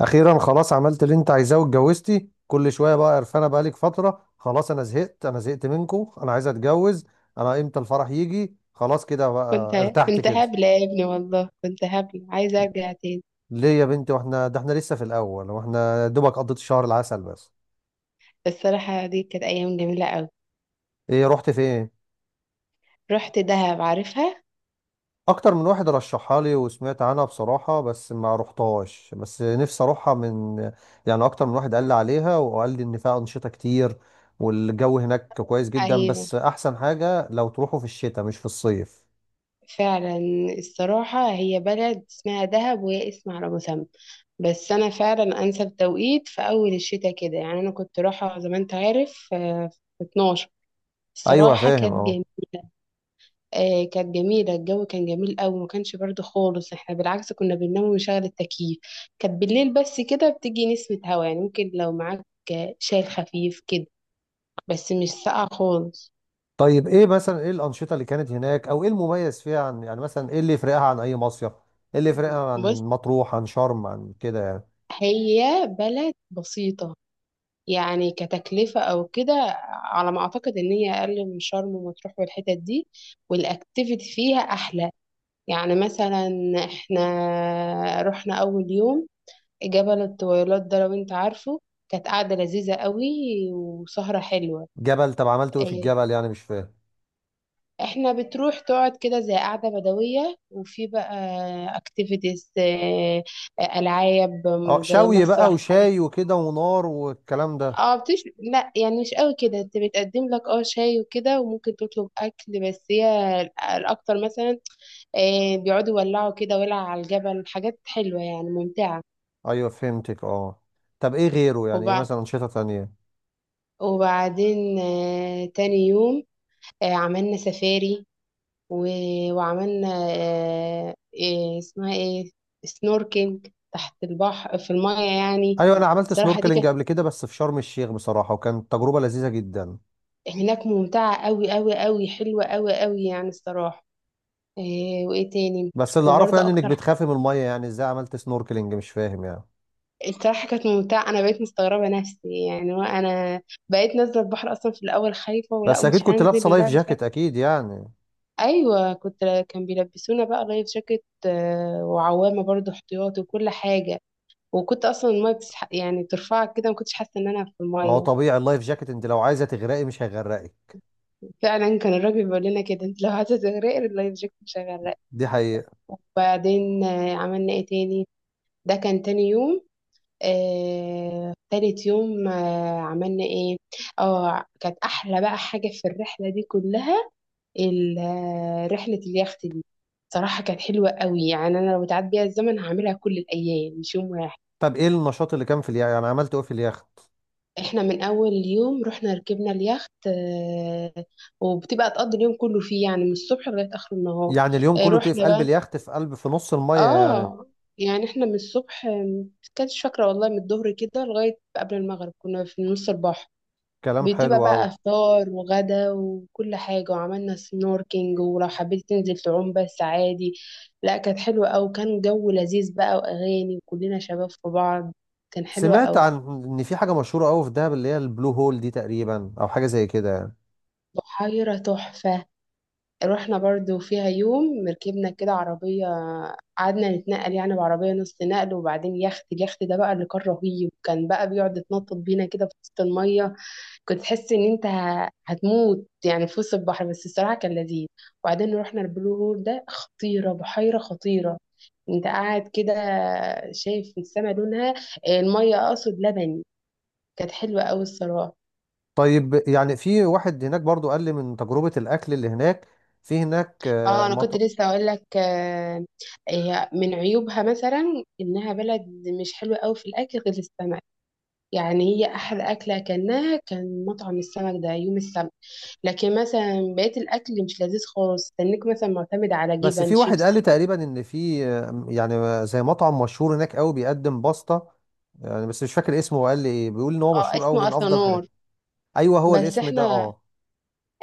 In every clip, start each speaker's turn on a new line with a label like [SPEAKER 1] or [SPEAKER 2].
[SPEAKER 1] اخيرا خلاص عملت اللي انت عايزاه واتجوزتي كل شويه بقى قرفانه بقالك فتره. خلاص انا زهقت منكم، انا عايز اتجوز. انا امتى الفرح يجي؟ خلاص كده
[SPEAKER 2] كنت
[SPEAKER 1] بقى ارتحت
[SPEAKER 2] كنت
[SPEAKER 1] كده.
[SPEAKER 2] هبلة يا ابني، والله كنت هبلة عايزة أرجع تاني.
[SPEAKER 1] ليه يا بنتي؟ واحنا ده احنا لسه في الاول، واحنا دوبك قضيت شهر العسل بس.
[SPEAKER 2] الصراحة دي كانت أيام جميلة أوي.
[SPEAKER 1] ايه، رحت فين؟
[SPEAKER 2] رحت دهب، عارفها؟
[SPEAKER 1] اكتر من واحد رشحها لي وسمعت عنها بصراحة، بس ما رحتهاش، بس نفسي اروحها. يعني اكتر من واحد قال لي عليها وقال لي ان فيها انشطة كتير، والجو هناك كويس جدا،
[SPEAKER 2] أيوة،
[SPEAKER 1] بس احسن حاجة لو تروحوا في الشتاء مش في الصيف.
[SPEAKER 2] فعلا. الصراحة هي بلد اسمها دهب، وهي اسم على مسمى. بس أنا فعلا أنسب توقيت في أول الشتاء كده، يعني أنا كنت رايحة زي ما أنت عارف، في 12.
[SPEAKER 1] ايوه
[SPEAKER 2] الصراحة
[SPEAKER 1] فاهم
[SPEAKER 2] كانت
[SPEAKER 1] اه.
[SPEAKER 2] جميلة. كانت جميلة، الجو كان جميل قوي، ما كانش برد خالص. احنا بالعكس كنا بننام ونشغل التكييف. كانت بالليل بس كده بتيجي نسمة هوا، يعني ممكن لو معاك شاي خفيف كده، بس مش ساقعة خالص.
[SPEAKER 1] طيب ايه مثلا ايه الانشطة اللي كانت هناك، او ايه المميز فيها، عن يعني مثلا ايه اللي يفرقها عن اي مصيف؟ ايه اللي يفرقها عن
[SPEAKER 2] بص،
[SPEAKER 1] مطروح، عن شرم، عن كده يعني؟
[SPEAKER 2] هي بلد بسيطة. يعني كتكلفة أو كده، على ما أعتقد إن هي أقل من شرم ومطروح والحتت دي، والأكتيفيتي فيها أحلى. يعني مثلا إحنا رحنا أول يوم جبل الطويلات ده، لو انت عارفه. كانت قعدة لذيذة قوي وسهرة حلوة.
[SPEAKER 1] طب عملتوا ايه في
[SPEAKER 2] إيه،
[SPEAKER 1] الجبل يعني؟ مش فاهم.
[SPEAKER 2] احنا بتروح تقعد كده زي قعدة بدوية، وفي بقى اكتيفيتيز، ألعاب
[SPEAKER 1] اه
[SPEAKER 2] زي
[SPEAKER 1] شوي بقى
[SPEAKER 2] مسرح حاجة.
[SPEAKER 1] وشاي وكده ونار والكلام ده.
[SPEAKER 2] اه بتش لا يعني مش قوي كده، انت بتقدم لك اه شاي وكده، وممكن تطلب اكل. بس هي الاكتر مثلا بيقعدوا يولعوا كده ولع على الجبل، حاجات حلوة يعني ممتعة.
[SPEAKER 1] ايوه فهمتك اه. طب ايه غيره؟ يعني ايه
[SPEAKER 2] وبع-
[SPEAKER 1] مثلا انشطه تانية؟
[SPEAKER 2] وبعدين تاني يوم عملنا سفاري، و... وعملنا إيه اسمها ايه، سنوركينج، تحت البحر في المايه يعني.
[SPEAKER 1] ايوه انا عملت
[SPEAKER 2] الصراحة دي
[SPEAKER 1] سنوركلينج
[SPEAKER 2] كانت
[SPEAKER 1] قبل كده بس في شرم الشيخ بصراحه، وكانت تجربه لذيذه جدا.
[SPEAKER 2] هناك ممتعة قوي قوي قوي، حلوة قوي قوي يعني الصراحة. إيه وايه تاني؟
[SPEAKER 1] بس اللي اعرفه
[SPEAKER 2] وبرضه
[SPEAKER 1] يعني انك
[SPEAKER 2] اكتر
[SPEAKER 1] بتخافي من الميه، يعني ازاي عملت سنوركلينج؟ مش فاهم يعني.
[SPEAKER 2] الصراحة كانت ممتعة، انا بقيت مستغربة نفسي يعني، وانا بقيت نازلة البحر اصلا في الاول خايفة، ولا
[SPEAKER 1] بس اكيد
[SPEAKER 2] مش
[SPEAKER 1] كنت
[SPEAKER 2] هنزل
[SPEAKER 1] لابسه لايف
[SPEAKER 2] ولا مش
[SPEAKER 1] جاكيت
[SPEAKER 2] عارفة.
[SPEAKER 1] اكيد يعني.
[SPEAKER 2] ايوه كان بيلبسونا بقى لايف جاكيت، وعوامة برضه احتياطي وكل حاجة. وكنت اصلا الميه يعني ترفعك كده، ما كنتش حاسه ان انا في
[SPEAKER 1] ما هو
[SPEAKER 2] الميه.
[SPEAKER 1] طبيعي، اللايف جاكيت انت لو عايزه تغرقي مش هيغرقك.
[SPEAKER 2] فعلا كان الراجل بيقول لنا كده، انت لو عايزه تغرقي اللايف جاكيت مش هيغرقك.
[SPEAKER 1] دي حقيقه.
[SPEAKER 2] وبعدين عملنا ايه تاني؟ ده كان تاني يوم. تالت يوم عملنا ايه؟ اه كانت احلى بقى حاجه في الرحله دي كلها، ال... آه، رحله اليخت دي. صراحه كانت حلوه قوي، يعني انا لو اتعاد بيها الزمن هعملها كل الايام مش يوم واحد.
[SPEAKER 1] طب ايه النشاط اللي كان في اليخت؟ يعني عملت ايه في اليخت؟
[SPEAKER 2] احنا من اول يوم رحنا ركبنا اليخت، وبتبقى تقضي اليوم كله فيه، يعني من الصبح لغايه اخر النهار.
[SPEAKER 1] يعني اليوم كله بتبقي في
[SPEAKER 2] رحنا
[SPEAKER 1] قلب
[SPEAKER 2] بقى.
[SPEAKER 1] اليخت، في نص الميه يعني؟
[SPEAKER 2] اه يعني احنا من الصبح، كانتش فاكره والله، من الظهر كده لغايه قبل المغرب كنا في نص البحر.
[SPEAKER 1] كلام حلو
[SPEAKER 2] بتبقى
[SPEAKER 1] قوي.
[SPEAKER 2] بقى فطار وغدا وكل حاجه، وعملنا سنوركينج، ولو حبيت تنزل تعوم بس عادي. لا كانت حلوه أوي، كان جو لذيذ بقى واغاني وكلنا شباب في بعض، كان حلوه
[SPEAKER 1] سمعت
[SPEAKER 2] أوي.
[SPEAKER 1] ان في حاجه مشهوره قوي في دهب، اللي هي البلو هول دي تقريبا، او حاجه زي كده يعني.
[SPEAKER 2] بحيره تحفه، رحنا برضو فيها يوم، ركبنا كده عربية، قعدنا نتنقل يعني بعربية نص نقل، وبعدين يخت. اليخت ده بقى اللي كان رهيب، كان بقى بيقعد يتنطط بينا كده في وسط المية. كنت تحس ان انت هتموت يعني في وسط البحر، بس الصراحة كان لذيذ. وبعدين رحنا البلو هول ده، خطيرة، بحيرة خطيرة. انت قاعد كده شايف السما لونها، المية اقصد، لبني. كانت حلوة قوي الصراحة.
[SPEAKER 1] طيب، يعني في واحد هناك برضو قال لي من تجربه الاكل اللي هناك. في هناك آه،
[SPEAKER 2] اه انا كنت
[SPEAKER 1] مط...
[SPEAKER 2] لسه اقول لك، هي من عيوبها مثلا انها بلد مش حلوه قوي في الاكل غير السمك. يعني هي احلى اكله اكلناها كان مطعم السمك ده يوم السبت، لكن مثلا بقيه الاكل مش لذيذ خالص، استنيك مثلا معتمد على
[SPEAKER 1] بس
[SPEAKER 2] جبن
[SPEAKER 1] في واحد قال
[SPEAKER 2] شيبسي
[SPEAKER 1] لي
[SPEAKER 2] حاجة.
[SPEAKER 1] تقريبا ان في يعني زي مطعم مشهور هناك قوي بيقدم باستا يعني، بس مش فاكر اسمه، وقال لي ايه، بيقول ان هو
[SPEAKER 2] اه
[SPEAKER 1] مشهور قوي،
[SPEAKER 2] اسمه
[SPEAKER 1] من افضل حاجات.
[SPEAKER 2] اثنور.
[SPEAKER 1] ايوه هو
[SPEAKER 2] بس
[SPEAKER 1] الاسم ده
[SPEAKER 2] احنا
[SPEAKER 1] اه.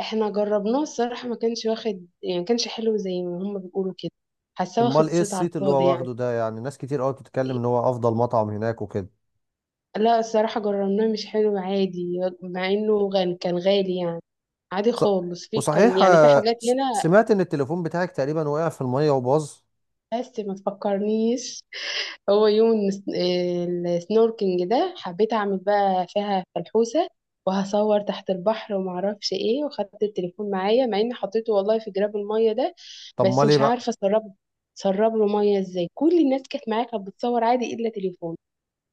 [SPEAKER 2] احنا جربناه الصراحه، ما كانش واخد، يعني ما كانش حلو زي ما هم بيقولوا كده، حاساه واخد
[SPEAKER 1] امال ايه
[SPEAKER 2] صيت على
[SPEAKER 1] الصيت اللي
[SPEAKER 2] الفاضي
[SPEAKER 1] هو
[SPEAKER 2] يعني.
[SPEAKER 1] واخده ده يعني؟ ناس كتير قوي بتتكلم ان هو افضل مطعم هناك وكده.
[SPEAKER 2] لا الصراحة جربناه مش حلو عادي، مع انه غن كان غالي يعني. عادي
[SPEAKER 1] ص-
[SPEAKER 2] خالص، في كان
[SPEAKER 1] وصحيح،
[SPEAKER 2] يعني في حاجات هنا.
[SPEAKER 1] سمعت ان التليفون بتاعك تقريبا وقع في المية وباظ؟
[SPEAKER 2] بس ما تفكرنيش. هو يوم السنوركينج ده حبيت اعمل بقى فيها فلحوسة، وهصور تحت البحر وما اعرفش ايه، وخدت التليفون معايا، مع اني حطيته والله في جراب المية ده.
[SPEAKER 1] طب ما
[SPEAKER 2] بس
[SPEAKER 1] ليه
[SPEAKER 2] مش
[SPEAKER 1] بقى؟
[SPEAKER 2] عارفة اسرب، سرب له مية ازاي؟ كل الناس كانت معايا كانت بتصور عادي، الا تليفون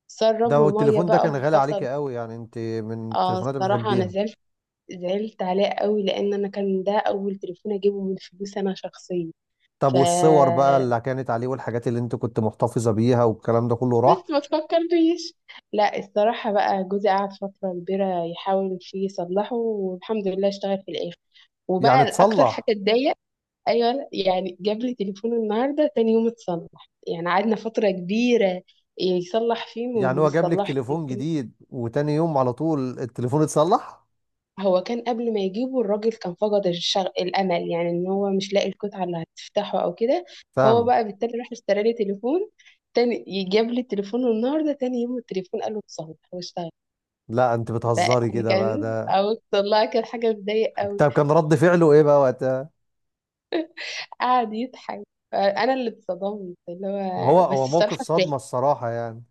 [SPEAKER 2] سرب
[SPEAKER 1] ده
[SPEAKER 2] له مية
[SPEAKER 1] التليفون ده
[SPEAKER 2] بقى
[SPEAKER 1] كان غالي عليك
[SPEAKER 2] وفصل.
[SPEAKER 1] قوي يعني؟ انت من
[SPEAKER 2] اه
[SPEAKER 1] التليفونات اللي
[SPEAKER 2] الصراحة انا
[SPEAKER 1] بتحبيها؟
[SPEAKER 2] زعلت، زعلت عليه قوي، لان انا كان ده اول تليفون اجيبه من فلوس انا شخصيا.
[SPEAKER 1] طب
[SPEAKER 2] ف
[SPEAKER 1] والصور بقى اللي كانت عليه، والحاجات اللي انت كنت محتفظة بيها، والكلام ده كله راح؟
[SPEAKER 2] بس ما تفكرنيش. لا الصراحه بقى جوزي قعد فتره كبيره يحاول فيه يصلحه، والحمد لله اشتغل في الاخر،
[SPEAKER 1] يعني
[SPEAKER 2] وبقى اكتر حاجه
[SPEAKER 1] اتصلح؟
[SPEAKER 2] اتضايق. ايوه لا، يعني جاب لي تليفون النهارده تاني يوم اتصلح، يعني قعدنا فتره كبيره يصلح فيه وما
[SPEAKER 1] يعني هو جاب لك
[SPEAKER 2] بيصلحش.
[SPEAKER 1] تليفون جديد، وتاني يوم على طول التليفون اتصلح؟
[SPEAKER 2] هو كان قبل ما يجيبه الراجل كان فقد الامل، يعني ان هو مش لاقي القطعه اللي هتفتحه او كده. فهو
[SPEAKER 1] فاهم.
[SPEAKER 2] بقى بالتالي راح اشترى لي تليفون تاني، جاب لي التليفون النهارده تاني يوم التليفون قال له اتصلح واشتغل.
[SPEAKER 1] لا انت
[SPEAKER 2] بقى
[SPEAKER 1] بتهزري
[SPEAKER 2] يعني
[SPEAKER 1] كده بقى
[SPEAKER 2] كان
[SPEAKER 1] ده.
[SPEAKER 2] او، والله كان حاجه مضايق قوي.
[SPEAKER 1] طب كان رد فعله ايه بقى وقتها؟
[SPEAKER 2] قعد يضحك، انا اللي اتصدمت اللي
[SPEAKER 1] ما هو
[SPEAKER 2] هو.
[SPEAKER 1] موقف صدمة الصراحة يعني.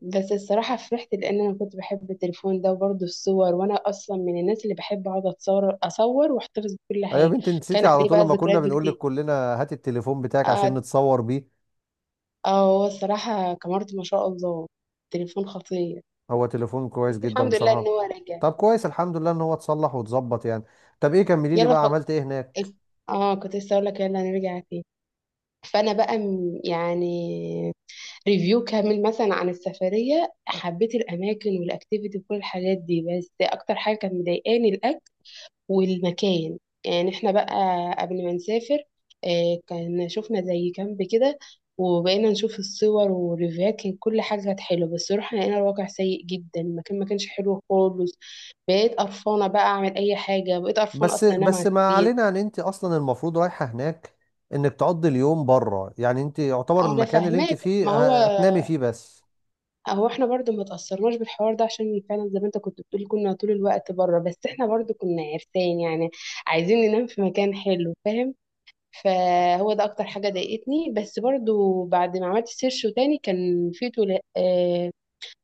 [SPEAKER 2] بس الصراحه فرحت، لان انا كنت بحب التليفون ده، وبرضه الصور، وانا اصلا من الناس اللي بحب اقعد اتصور اصور واحتفظ بكل
[SPEAKER 1] ايوه يا
[SPEAKER 2] حاجه.
[SPEAKER 1] بنتي، انت نسيتي
[SPEAKER 2] كان
[SPEAKER 1] على
[SPEAKER 2] عليه
[SPEAKER 1] طول
[SPEAKER 2] بقى
[SPEAKER 1] لما كنا
[SPEAKER 2] ذكريات
[SPEAKER 1] بنقول لك
[SPEAKER 2] كتير.
[SPEAKER 1] كلنا. هات التليفون بتاعك عشان نتصور بيه.
[SPEAKER 2] اه هو الصراحة كاميرته ما شاء الله، تليفون خطير.
[SPEAKER 1] هو تليفون كويس
[SPEAKER 2] بس
[SPEAKER 1] جدا
[SPEAKER 2] الحمد لله ان
[SPEAKER 1] بصراحة.
[SPEAKER 2] هو رجع.
[SPEAKER 1] طب كويس، الحمد لله ان هو اتصلح واتظبط يعني. طب ايه، كملي لي
[SPEAKER 2] يلا
[SPEAKER 1] بقى
[SPEAKER 2] فك...
[SPEAKER 1] عملت ايه هناك.
[SPEAKER 2] اه كنت لسه اقول لك يلا نرجع فيه. فانا بقى يعني ريفيو كامل مثلا عن السفرية، حبيت الاماكن والاكتيفيتي وكل الحاجات دي، بس اكتر حاجة كانت مضايقاني الاكل والمكان. يعني احنا بقى قبل ما نسافر كان شفنا زي كامب كده، وبقينا نشوف الصور والريفيوهات، كان كل حاجة كانت حلوة، بس روحنا لقينا الواقع سيء جدا، المكان ما كانش حلو خالص. بقيت قرفانة بقى أعمل أي حاجة، بقيت قرفانة
[SPEAKER 1] بس
[SPEAKER 2] أصلا أنام على
[SPEAKER 1] بس ما
[SPEAKER 2] السرير.
[SPEAKER 1] علينا، ان انت اصلا المفروض رايحة هناك انك تقضي اليوم بره، يعني انت يعتبر
[SPEAKER 2] أنا
[SPEAKER 1] المكان اللي انت
[SPEAKER 2] فاهماك. ما
[SPEAKER 1] فيه
[SPEAKER 2] هو
[SPEAKER 1] هتنامي فيه بس.
[SPEAKER 2] هو احنا برضو ما تأثرناش بالحوار ده، عشان فعلا زي ما انت كنت بتقول كنا طول الوقت بره، بس احنا برضو كنا عرسان يعني، عايزين ننام في مكان حلو، فاهم. فهو ده اكتر حاجه ضايقتني، بس برضو بعد ما عملت سيرش وتاني كان في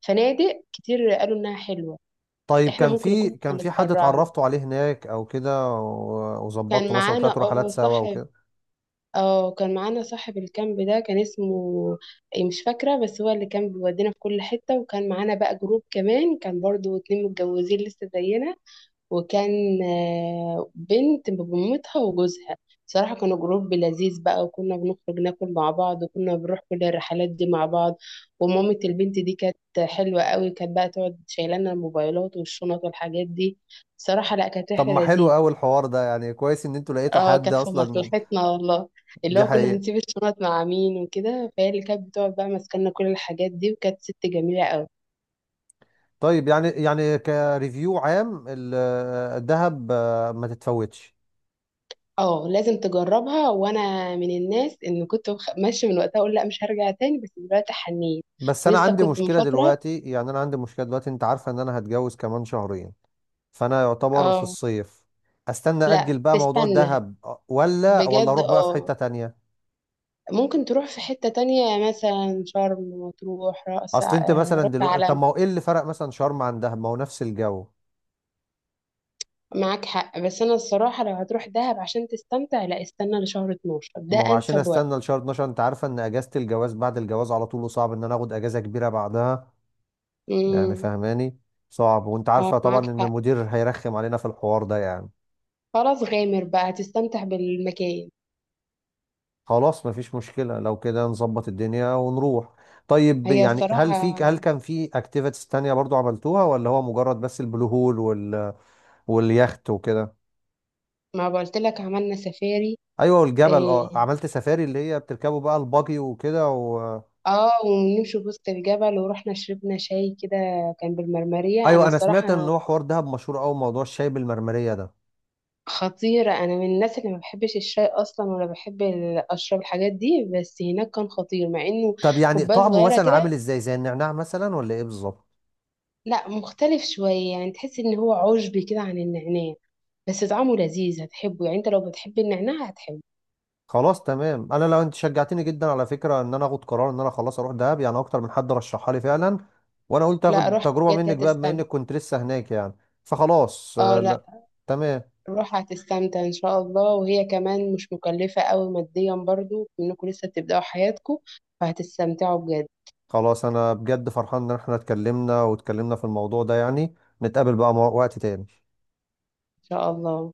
[SPEAKER 2] فنادق كتير قالوا انها حلوه.
[SPEAKER 1] طيب
[SPEAKER 2] احنا
[SPEAKER 1] كان
[SPEAKER 2] ممكن
[SPEAKER 1] في،
[SPEAKER 2] نكون كنا
[SPEAKER 1] حد
[SPEAKER 2] اتسرعنا.
[SPEAKER 1] اتعرفتوا عليه هناك او كده،
[SPEAKER 2] كان
[SPEAKER 1] وظبطتوا مثلا
[SPEAKER 2] معانا
[SPEAKER 1] طلعتوا رحلات
[SPEAKER 2] اه
[SPEAKER 1] سوا
[SPEAKER 2] صاحب،
[SPEAKER 1] وكده؟
[SPEAKER 2] اه كان معانا صاحب الكامب ده، كان اسمه إيه مش فاكره، بس هو اللي كان بيودينا في كل حته، وكان معانا بقى جروب كمان، كان برضو اتنين متجوزين لسه زينا، وكان بنت بمامتها وجوزها. صراحة كانوا جروب لذيذ بقى، وكنا بنخرج ناكل مع بعض، وكنا بنروح كل الرحلات دي مع بعض. ومامة البنت دي كانت حلوة قوي، كانت بقى تقعد شايلانا الموبايلات والشنط والحاجات دي. صراحة لا كانت
[SPEAKER 1] طب
[SPEAKER 2] رحلة
[SPEAKER 1] ما حلو
[SPEAKER 2] لذيذة.
[SPEAKER 1] قوي الحوار ده يعني، كويس ان انتوا لقيتوا
[SPEAKER 2] اه
[SPEAKER 1] حد
[SPEAKER 2] كانت في
[SPEAKER 1] اصلا.
[SPEAKER 2] مصلحتنا والله. اللي
[SPEAKER 1] دي
[SPEAKER 2] هو كنا
[SPEAKER 1] حقيقة.
[SPEAKER 2] هنسيب الشنط مع مين وكده، فهي اللي كانت بتقعد بقى ماسكالنا كل الحاجات دي، وكانت ست جميلة قوي.
[SPEAKER 1] طيب يعني، كريفيو عام الذهب ما تتفوتش.
[SPEAKER 2] اه لازم تجربها، وانا من الناس ان كنت ماشيه من وقتها اقول لا مش هرجع تاني، بس دلوقتي حنيت.
[SPEAKER 1] بس انا
[SPEAKER 2] ولسه
[SPEAKER 1] عندي
[SPEAKER 2] كنت من
[SPEAKER 1] مشكله
[SPEAKER 2] فتره.
[SPEAKER 1] دلوقتي، انت عارفه ان انا هتجوز كمان شهرين، فانا يعتبر في
[SPEAKER 2] اه
[SPEAKER 1] الصيف. استنى اجل
[SPEAKER 2] لا
[SPEAKER 1] بقى موضوع
[SPEAKER 2] تستنى،
[SPEAKER 1] الذهب ولا،
[SPEAKER 2] بجد
[SPEAKER 1] اروح بقى في
[SPEAKER 2] اه.
[SPEAKER 1] حته تانية؟
[SPEAKER 2] ممكن تروح في حته تانية مثلا شرم، وتروح رأس،
[SPEAKER 1] اصل انت مثلا
[SPEAKER 2] رأس
[SPEAKER 1] دلوقتي، طب
[SPEAKER 2] علم.
[SPEAKER 1] ما هو ايه اللي فرق مثلا شرم عن دهب؟ ما هو نفس الجو.
[SPEAKER 2] معاك حق، بس انا الصراحه لو هتروح دهب عشان تستمتع، لا استنى لشهر 12 ده
[SPEAKER 1] ما هو عشان
[SPEAKER 2] انسب وقت.
[SPEAKER 1] استنى لشهر 12، انت عارفه ان اجازه الجواز بعد الجواز على طول، وصعب ان انا اخد اجازه كبيره بعدها. يعني
[SPEAKER 2] امم.
[SPEAKER 1] فهماني؟ صعب. وانت
[SPEAKER 2] اه
[SPEAKER 1] عارفة طبعا
[SPEAKER 2] معاك
[SPEAKER 1] ان
[SPEAKER 2] حق،
[SPEAKER 1] المدير هيرخم علينا في الحوار ده يعني.
[SPEAKER 2] خلاص غامر بقى هتستمتع بالمكان.
[SPEAKER 1] خلاص مفيش مشكلة، لو كده نظبط الدنيا ونروح. طيب
[SPEAKER 2] هي
[SPEAKER 1] يعني
[SPEAKER 2] الصراحه،
[SPEAKER 1] هل كان في اكتيفيتيز تانية برضو عملتوها، ولا هو مجرد بس البلو هول واليخت وكده؟
[SPEAKER 2] ما قلت لك عملنا سفاري،
[SPEAKER 1] ايوه والجبل اه.
[SPEAKER 2] آه،
[SPEAKER 1] عملت سفاري اللي هي بتركبوا بقى البuggy وكده
[SPEAKER 2] اه ونمشي في وسط الجبل، ورحنا شربنا شاي كده كان بالمرمرية، انا
[SPEAKER 1] ايوه انا سمعت ان
[SPEAKER 2] الصراحة.
[SPEAKER 1] هو حوار دهب مشهور قوي موضوع الشاي بالمرمرية ده.
[SPEAKER 2] خطيرة، انا من الناس اللي ما بحبش الشاي اصلا ولا بحب اشرب الحاجات دي، بس هناك كان خطير، مع انه
[SPEAKER 1] طب يعني
[SPEAKER 2] كوباية
[SPEAKER 1] طعمه
[SPEAKER 2] صغيرة
[SPEAKER 1] مثلا عامل
[SPEAKER 2] كده.
[SPEAKER 1] ازاي؟ زي النعناع مثلا، ولا ايه بالظبط؟
[SPEAKER 2] لا مختلف شوية، يعني تحس ان هو عشبي كده عن النعناع، بس طعمه لذيذ هتحبه، يعني انت لو بتحب النعناع هتحبه.
[SPEAKER 1] خلاص تمام، انا لو انت شجعتني جدا على فكره ان انا اخد قرار ان انا خلاص اروح دهب، يعني اكتر من حد رشحها لي فعلا، وانا قلت
[SPEAKER 2] لا
[SPEAKER 1] اخد
[SPEAKER 2] روح
[SPEAKER 1] تجربه
[SPEAKER 2] بجد
[SPEAKER 1] منك بقى بما
[SPEAKER 2] هتستمتع.
[SPEAKER 1] انك كنت لسه هناك يعني. فخلاص
[SPEAKER 2] اه لا،
[SPEAKER 1] لا. تمام.
[SPEAKER 2] روح هتستمتع ان شاء الله، وهي كمان مش مكلفة قوي ماديا، برضو انكم لسه بتبدأوا حياتكم، فهتستمتعوا بجد ان
[SPEAKER 1] خلاص انا بجد فرحان ان احنا اتكلمنا واتكلمنا في الموضوع ده يعني. نتقابل بقى وقت تاني.
[SPEAKER 2] شاء الله.